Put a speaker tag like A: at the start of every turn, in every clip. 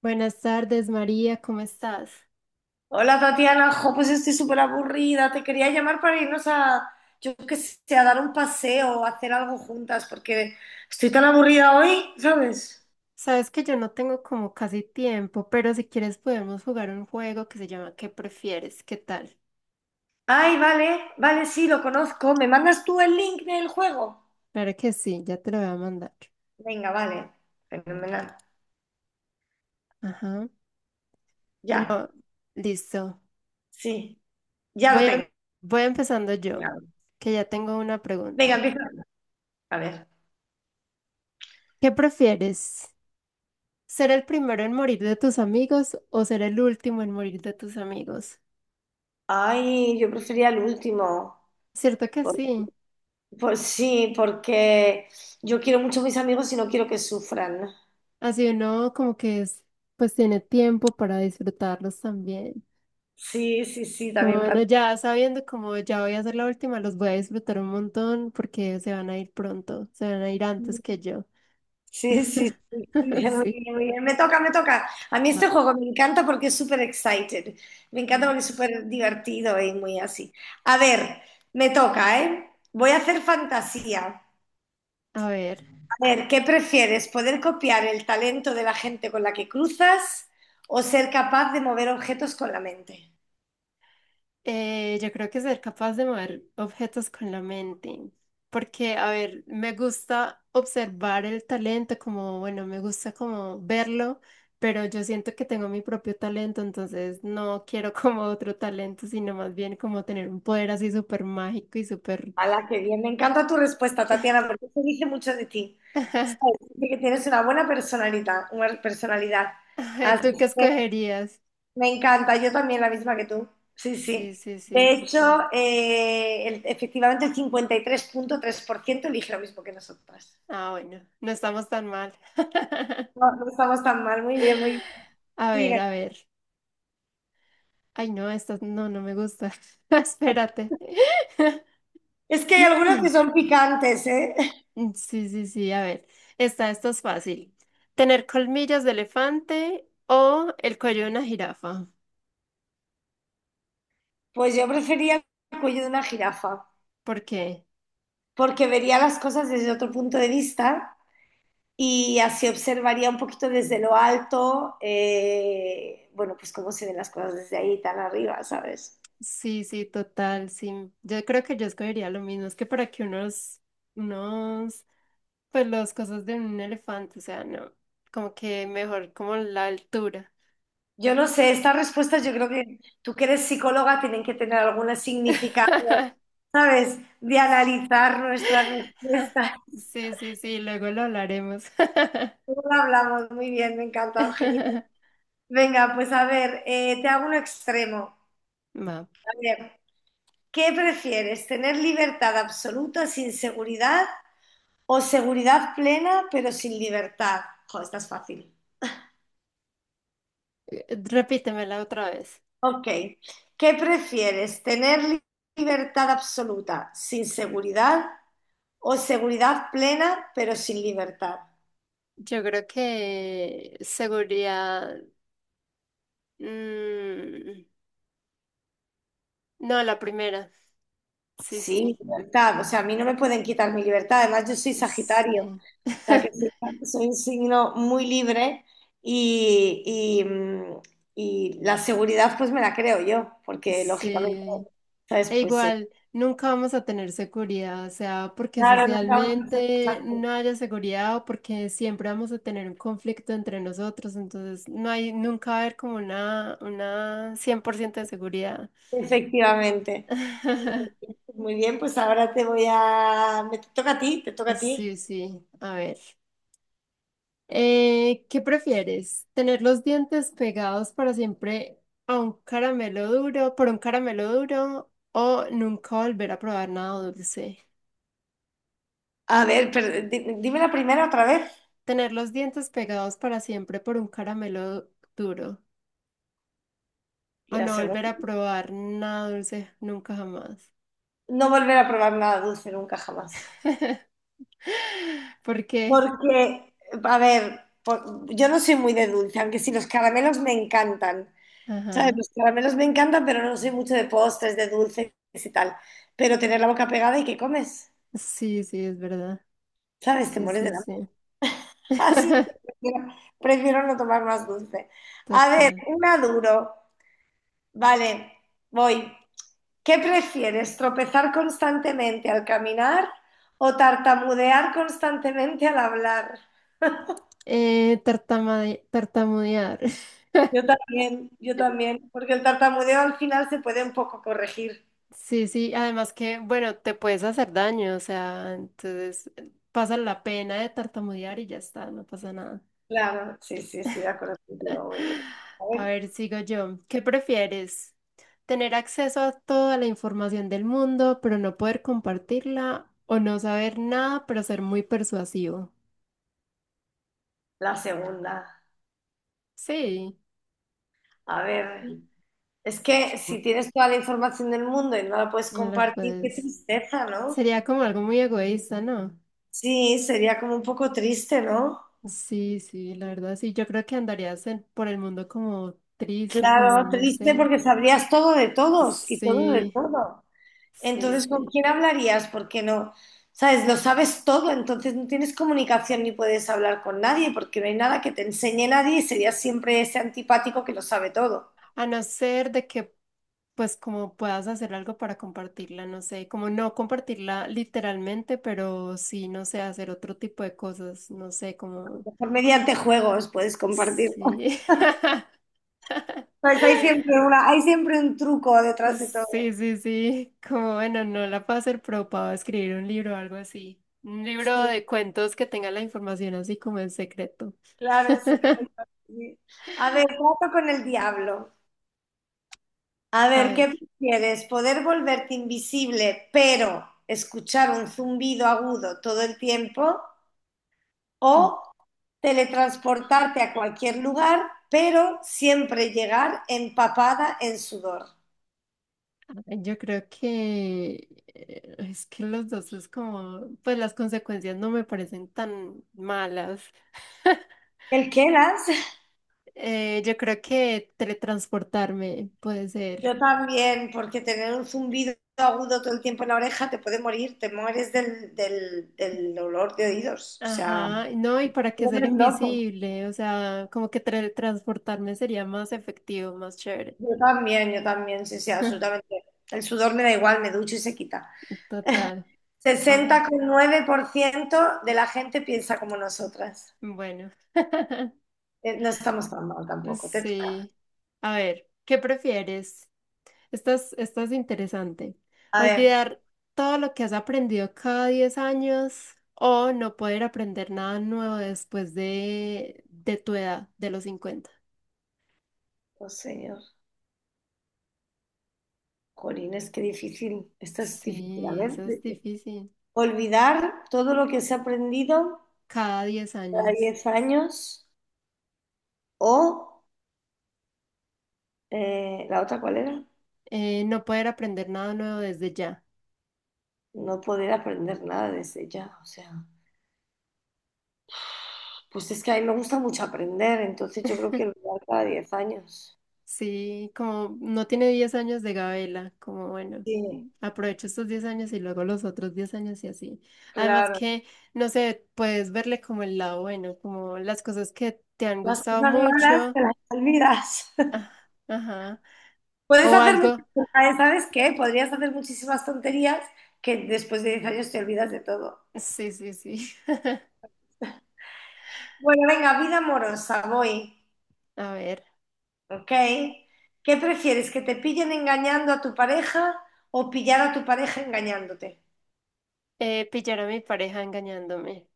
A: Buenas tardes, María, ¿cómo estás?
B: Hola Tatiana, jo, pues estoy súper aburrida. Te quería llamar para irnos a, yo qué sé, a dar un paseo, a hacer algo juntas, porque estoy tan aburrida hoy, ¿sabes?
A: Sabes que yo no tengo como casi tiempo, pero si quieres podemos jugar un juego que se llama ¿Qué prefieres? ¿Qué tal?
B: Ay, vale, vale, sí, lo conozco. ¿Me mandas tú el link del juego?
A: Claro que sí, ya te lo voy a mandar.
B: Venga, vale, fenomenal.
A: Ajá.
B: Ya,
A: Bueno, listo.
B: sí, ya lo
A: Voy a-
B: tengo.
A: Voy empezando yo,
B: Ya.
A: que ya tengo una
B: Venga,
A: pregunta.
B: empieza. A ver.
A: ¿Qué prefieres? ¿Ser el primero en morir de tus amigos o ser el último en morir de tus amigos?
B: Ay, yo prefería el último.
A: Cierto que
B: Por-
A: sí.
B: Pues sí, porque yo quiero mucho a mis amigos y no quiero que sufran.
A: Así uno como que es, pues tiene tiempo para disfrutarlos también.
B: Sí, sí, sí,
A: Como
B: también.
A: bueno, ya sabiendo como ya voy a hacer la última, los voy a disfrutar un montón porque se van a ir pronto, se van a ir antes que yo.
B: Sí, sí, sí, bien, muy
A: Sí,
B: bien, muy bien. Me toca, me toca. A mí este
A: va.
B: juego me encanta porque es súper excited. Me encanta
A: Va.
B: porque es súper divertido y muy así. A ver, me toca, ¿eh? Voy a hacer fantasía.
A: A ver,
B: A ver, ¿qué prefieres? ¿Poder copiar el talento de la gente con la que cruzas o ser capaz de mover objetos con la mente?
A: yo creo que ser capaz de mover objetos con la mente, porque, a ver, me gusta observar el talento, como, bueno, me gusta como verlo, pero yo siento que tengo mi propio talento, entonces no quiero como otro talento, sino más bien como tener un poder así súper mágico y súper
B: ¡Hala, qué bien! Me encanta tu respuesta, Tatiana, porque eso dice mucho de ti. Sabes, dice que tienes una buena personalidad, una personalidad. Así
A: ¿Tú qué
B: que
A: escogerías?
B: me encanta, yo también la misma que tú. Sí,
A: Sí,
B: sí.
A: sí, sí,
B: De
A: total.
B: hecho, efectivamente el 53,3% elige lo mismo que nosotras.
A: Ah, bueno, no estamos tan mal.
B: No, no estamos tan mal, muy bien, muy bien.
A: A ver,
B: Sigue.
A: a ver. Ay, no, esta no, no me gusta. Espérate.
B: Es que hay algunas que son picantes, ¿eh?
A: Sí, sí, sí, a ver. Esta es fácil. ¿Tener colmillos de elefante o el cuello de una jirafa?
B: Pues yo prefería el cuello de una jirafa,
A: ¿Por qué?
B: porque vería las cosas desde otro punto de vista y así observaría un poquito desde lo alto, bueno, pues cómo se ven las cosas desde ahí tan arriba, ¿sabes?
A: Sí, sí, total, sí. Yo creo que yo escogería lo mismo. Es que para que unos, unos, pues las cosas de un elefante, o sea, no, como que mejor como la altura.
B: Yo no sé, estas respuestas yo creo que tú que eres psicóloga tienen que tener alguna significado, ¿sabes? De analizar nuestras respuestas.
A: Sí, sí, sí, luego lo hablaremos.
B: Luego lo hablamos muy bien, me encanta, Eugenia. Venga, pues a ver, te hago un extremo.
A: Va,
B: A ver, ¿qué prefieres? ¿Tener libertad absoluta sin seguridad o seguridad plena pero sin libertad? Joder, esta es fácil.
A: repítemela otra vez.
B: Ok, ¿qué prefieres? ¿Tener libertad absoluta sin seguridad o seguridad plena, pero sin libertad?
A: Yo creo que seguridad. mm, no, la primera. Sí,
B: Sí,
A: sí.
B: libertad. O sea, a mí no me pueden quitar mi libertad. Además, yo soy Sagitario. O
A: Sí.
B: sea, que sí, soy un signo muy libre y, y, mm, y la seguridad pues me la creo yo, porque lógicamente,
A: Sí.
B: ¿sabes?
A: E igual, nunca vamos a tener seguridad, o sea, porque
B: Claro, nunca vamos a hacer cosas
A: socialmente
B: así.
A: no haya seguridad o porque siempre vamos a tener un conflicto entre nosotros, entonces no hay, nunca va a haber como una 100% de seguridad.
B: Efectivamente. Muy bien, pues ahora te voy a... Me toca a ti, te toca a ti.
A: Sí, sí, a ver. ¿Qué prefieres? ¿Tener los dientes pegados para siempre a un caramelo duro, por un caramelo duro, o nunca volver a probar nada dulce?
B: A ver, pero dime la primera otra vez
A: Tener los dientes pegados para siempre por un caramelo duro.
B: y
A: O
B: la
A: no
B: segunda.
A: volver a probar nada dulce nunca jamás.
B: No volver a probar nada dulce nunca jamás.
A: ¿Por qué?
B: Porque, a ver, por- yo no soy muy de dulce, aunque sí los caramelos me encantan. ¿Sabes?
A: Ajá.
B: Los caramelos me encantan, pero no soy mucho de postres, de dulces y tal. Pero tener la boca pegada y que comes,
A: Sí, sí, es verdad.
B: ¿sabes? Te
A: Sí,
B: mueres de
A: sí,
B: hambre.
A: sí.
B: Así es que prefiero, prefiero no tomar más dulce. A ver,
A: Total.
B: una duro. Vale, voy. ¿Qué prefieres? ¿Tropezar constantemente al caminar o tartamudear constantemente al hablar?
A: Tartamudear.
B: Yo también, porque el tartamudeo al final se puede un poco corregir.
A: Sí, sí. Además que, bueno, te puedes hacer daño. O sea, entonces pasa la pena de tartamudear y ya está, no pasa nada.
B: Claro, sí, sí, estoy de acuerdo contigo, muy bien. A
A: A
B: ver,
A: ver, sigo yo. ¿Qué prefieres? ¿Tener acceso a toda la información del mundo, pero no poder compartirla? ¿O no saber nada, pero ser muy persuasivo?
B: la segunda.
A: Sí,
B: A ver,
A: no
B: es que si tienes toda la información del mundo y no la puedes
A: lo
B: compartir, qué
A: puedes.
B: tristeza, ¿no?
A: Sería como algo muy egoísta, ¿no?
B: Sí, sería como un poco triste, ¿no?
A: Sí, sí, la verdad, sí. Yo creo que por el mundo como triste, como
B: Claro,
A: no
B: triste
A: sé.
B: porque sabrías todo de todos y todo de
A: Sí,
B: todo.
A: sí,
B: Entonces, ¿con
A: sí.
B: quién hablarías? Porque no, sabes, lo sabes todo, entonces no tienes comunicación ni puedes hablar con nadie, porque no hay nada que te enseñe nadie y serías siempre ese antipático que lo sabe todo.
A: A no ser de que, pues, como puedas hacer algo para compartirla, no sé, como no compartirla literalmente, pero sí, no sé, hacer otro tipo de cosas, no sé, como,
B: Mejor mediante juegos puedes compartir.
A: sí,
B: Pues hay siempre una, hay siempre un truco detrás de
A: sí,
B: todo.
A: sí, sí, como, bueno, no la puedo hacer, pero puedo escribir un libro o algo así. Un libro
B: Sí,
A: de cuentos que tenga la información así como en secreto.
B: claro, un secreto, sí. A ver, trato con el diablo. A
A: A
B: ver, ¿qué
A: ver,
B: prefieres? ¿Poder volverte invisible, pero escuchar un zumbido agudo todo el tiempo o
A: mm,
B: teletransportarte a cualquier lugar, pero siempre llegar empapada en sudor?
A: a ver, yo creo que es que los dos es como, pues las consecuencias no me parecen tan malas.
B: ¿El qué, Lance?
A: Yo creo que teletransportarme puede ser.
B: Yo también, porque tener un zumbido agudo todo el tiempo en la oreja te puede morir, te mueres del, del, del olor de oídos. O sea,
A: Ajá, no, ¿y para qué
B: no
A: ser
B: eres loco.
A: invisible? O sea, como que teletransportarme sería más efectivo, más chévere.
B: Yo también, sí, sí, absolutamente. El sudor me da igual, me ducho y se quita.
A: Total. A ver,
B: 60,9% de la gente piensa como nosotras.
A: bueno.
B: No estamos tan mal tampoco. Te toca.
A: Sí. A ver, ¿qué prefieres? Esta es interesante.
B: A ver.
A: ¿Olvidar todo lo que has aprendido cada 10 años o no poder aprender nada nuevo después de tu edad, de los 50?
B: Oh, señor. Corines, qué difícil. Esta es difícil. A
A: Sí, eso
B: ver,
A: es difícil.
B: olvidar todo lo que se ha aprendido
A: Cada 10
B: cada
A: años.
B: 10 años o la otra, ¿cuál era?
A: No poder aprender nada nuevo desde ya.
B: No poder aprender nada desde ya. O sea, pues es que a mí me gusta mucho aprender, entonces yo creo que olvidar cada 10 años.
A: Sí, como no tiene 10 años de Gabela, como bueno,
B: Sí,
A: aprovecho estos 10 años y luego los otros 10 años y así. Además
B: claro.
A: que, no sé, puedes verle como el lado bueno, como las cosas que te han
B: Las
A: gustado
B: cosas malas
A: mucho.
B: te las olvidas.
A: Ah, ajá.
B: Puedes
A: O
B: hacer
A: algo.
B: muchas, ¿sabes qué? Podrías hacer muchísimas tonterías que después de 10 años te olvidas de todo.
A: Sí, sí, sí.
B: Bueno, venga, vida amorosa, voy,
A: A ver.
B: ¿ok? ¿Qué prefieres, que te pillen engañando a tu pareja o pillar a tu pareja engañándote?
A: Pillar a mi pareja engañándome.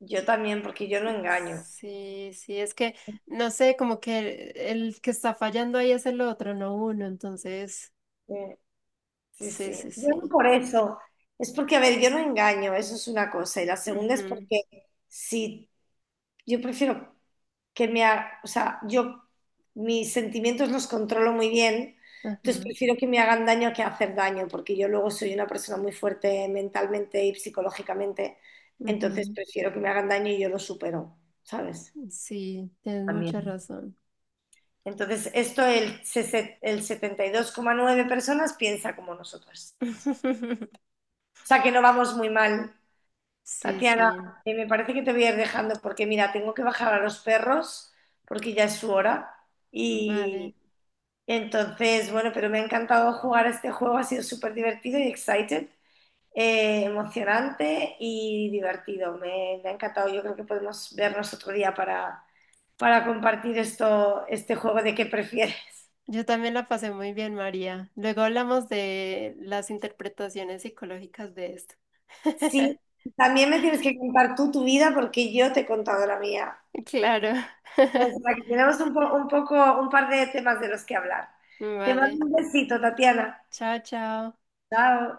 B: Yo también, porque yo no engaño.
A: Sí, sí, es que, no sé, como que el que está fallando ahí es el otro, no uno, entonces,
B: Eh, Sí,
A: sí, sí,
B: sí. Yo no
A: sí.
B: por eso. Es porque, a ver, yo no engaño, eso es una cosa. Y la segunda es
A: Ujú,
B: porque si yo prefiero que me haga, o sea, yo mis sentimientos los controlo muy bien, entonces
A: ajá,
B: prefiero que me hagan daño que hacer daño, porque yo luego soy una persona muy fuerte mentalmente y psicológicamente, entonces
A: ujú.
B: prefiero que me hagan daño y yo lo supero, ¿sabes?
A: Sí, tienes mucha
B: También.
A: razón.
B: Entonces, esto el, el 72,9 personas piensa como nosotros. O sea que no vamos muy mal,
A: Sí,
B: Tatiana.
A: sí,
B: Me parece que te voy a ir dejando porque mira, tengo que bajar a los perros porque ya es su hora.
A: vale.
B: Y entonces, bueno, pero me ha encantado jugar a este juego, ha sido súper divertido y excited, emocionante y divertido. Me ha encantado, yo creo que podemos vernos otro día para compartir esto, este juego de qué prefieres.
A: Yo también la pasé muy bien, María. Luego hablamos de las interpretaciones psicológicas de esto.
B: Sí, también me tienes que contar tú tu vida porque yo te he contado la mía.
A: Claro.
B: O sea, que tenemos un, un poco, un par de temas de los que hablar. Te
A: Vale.
B: mando un besito, Tatiana.
A: Chao, chao.
B: Chao.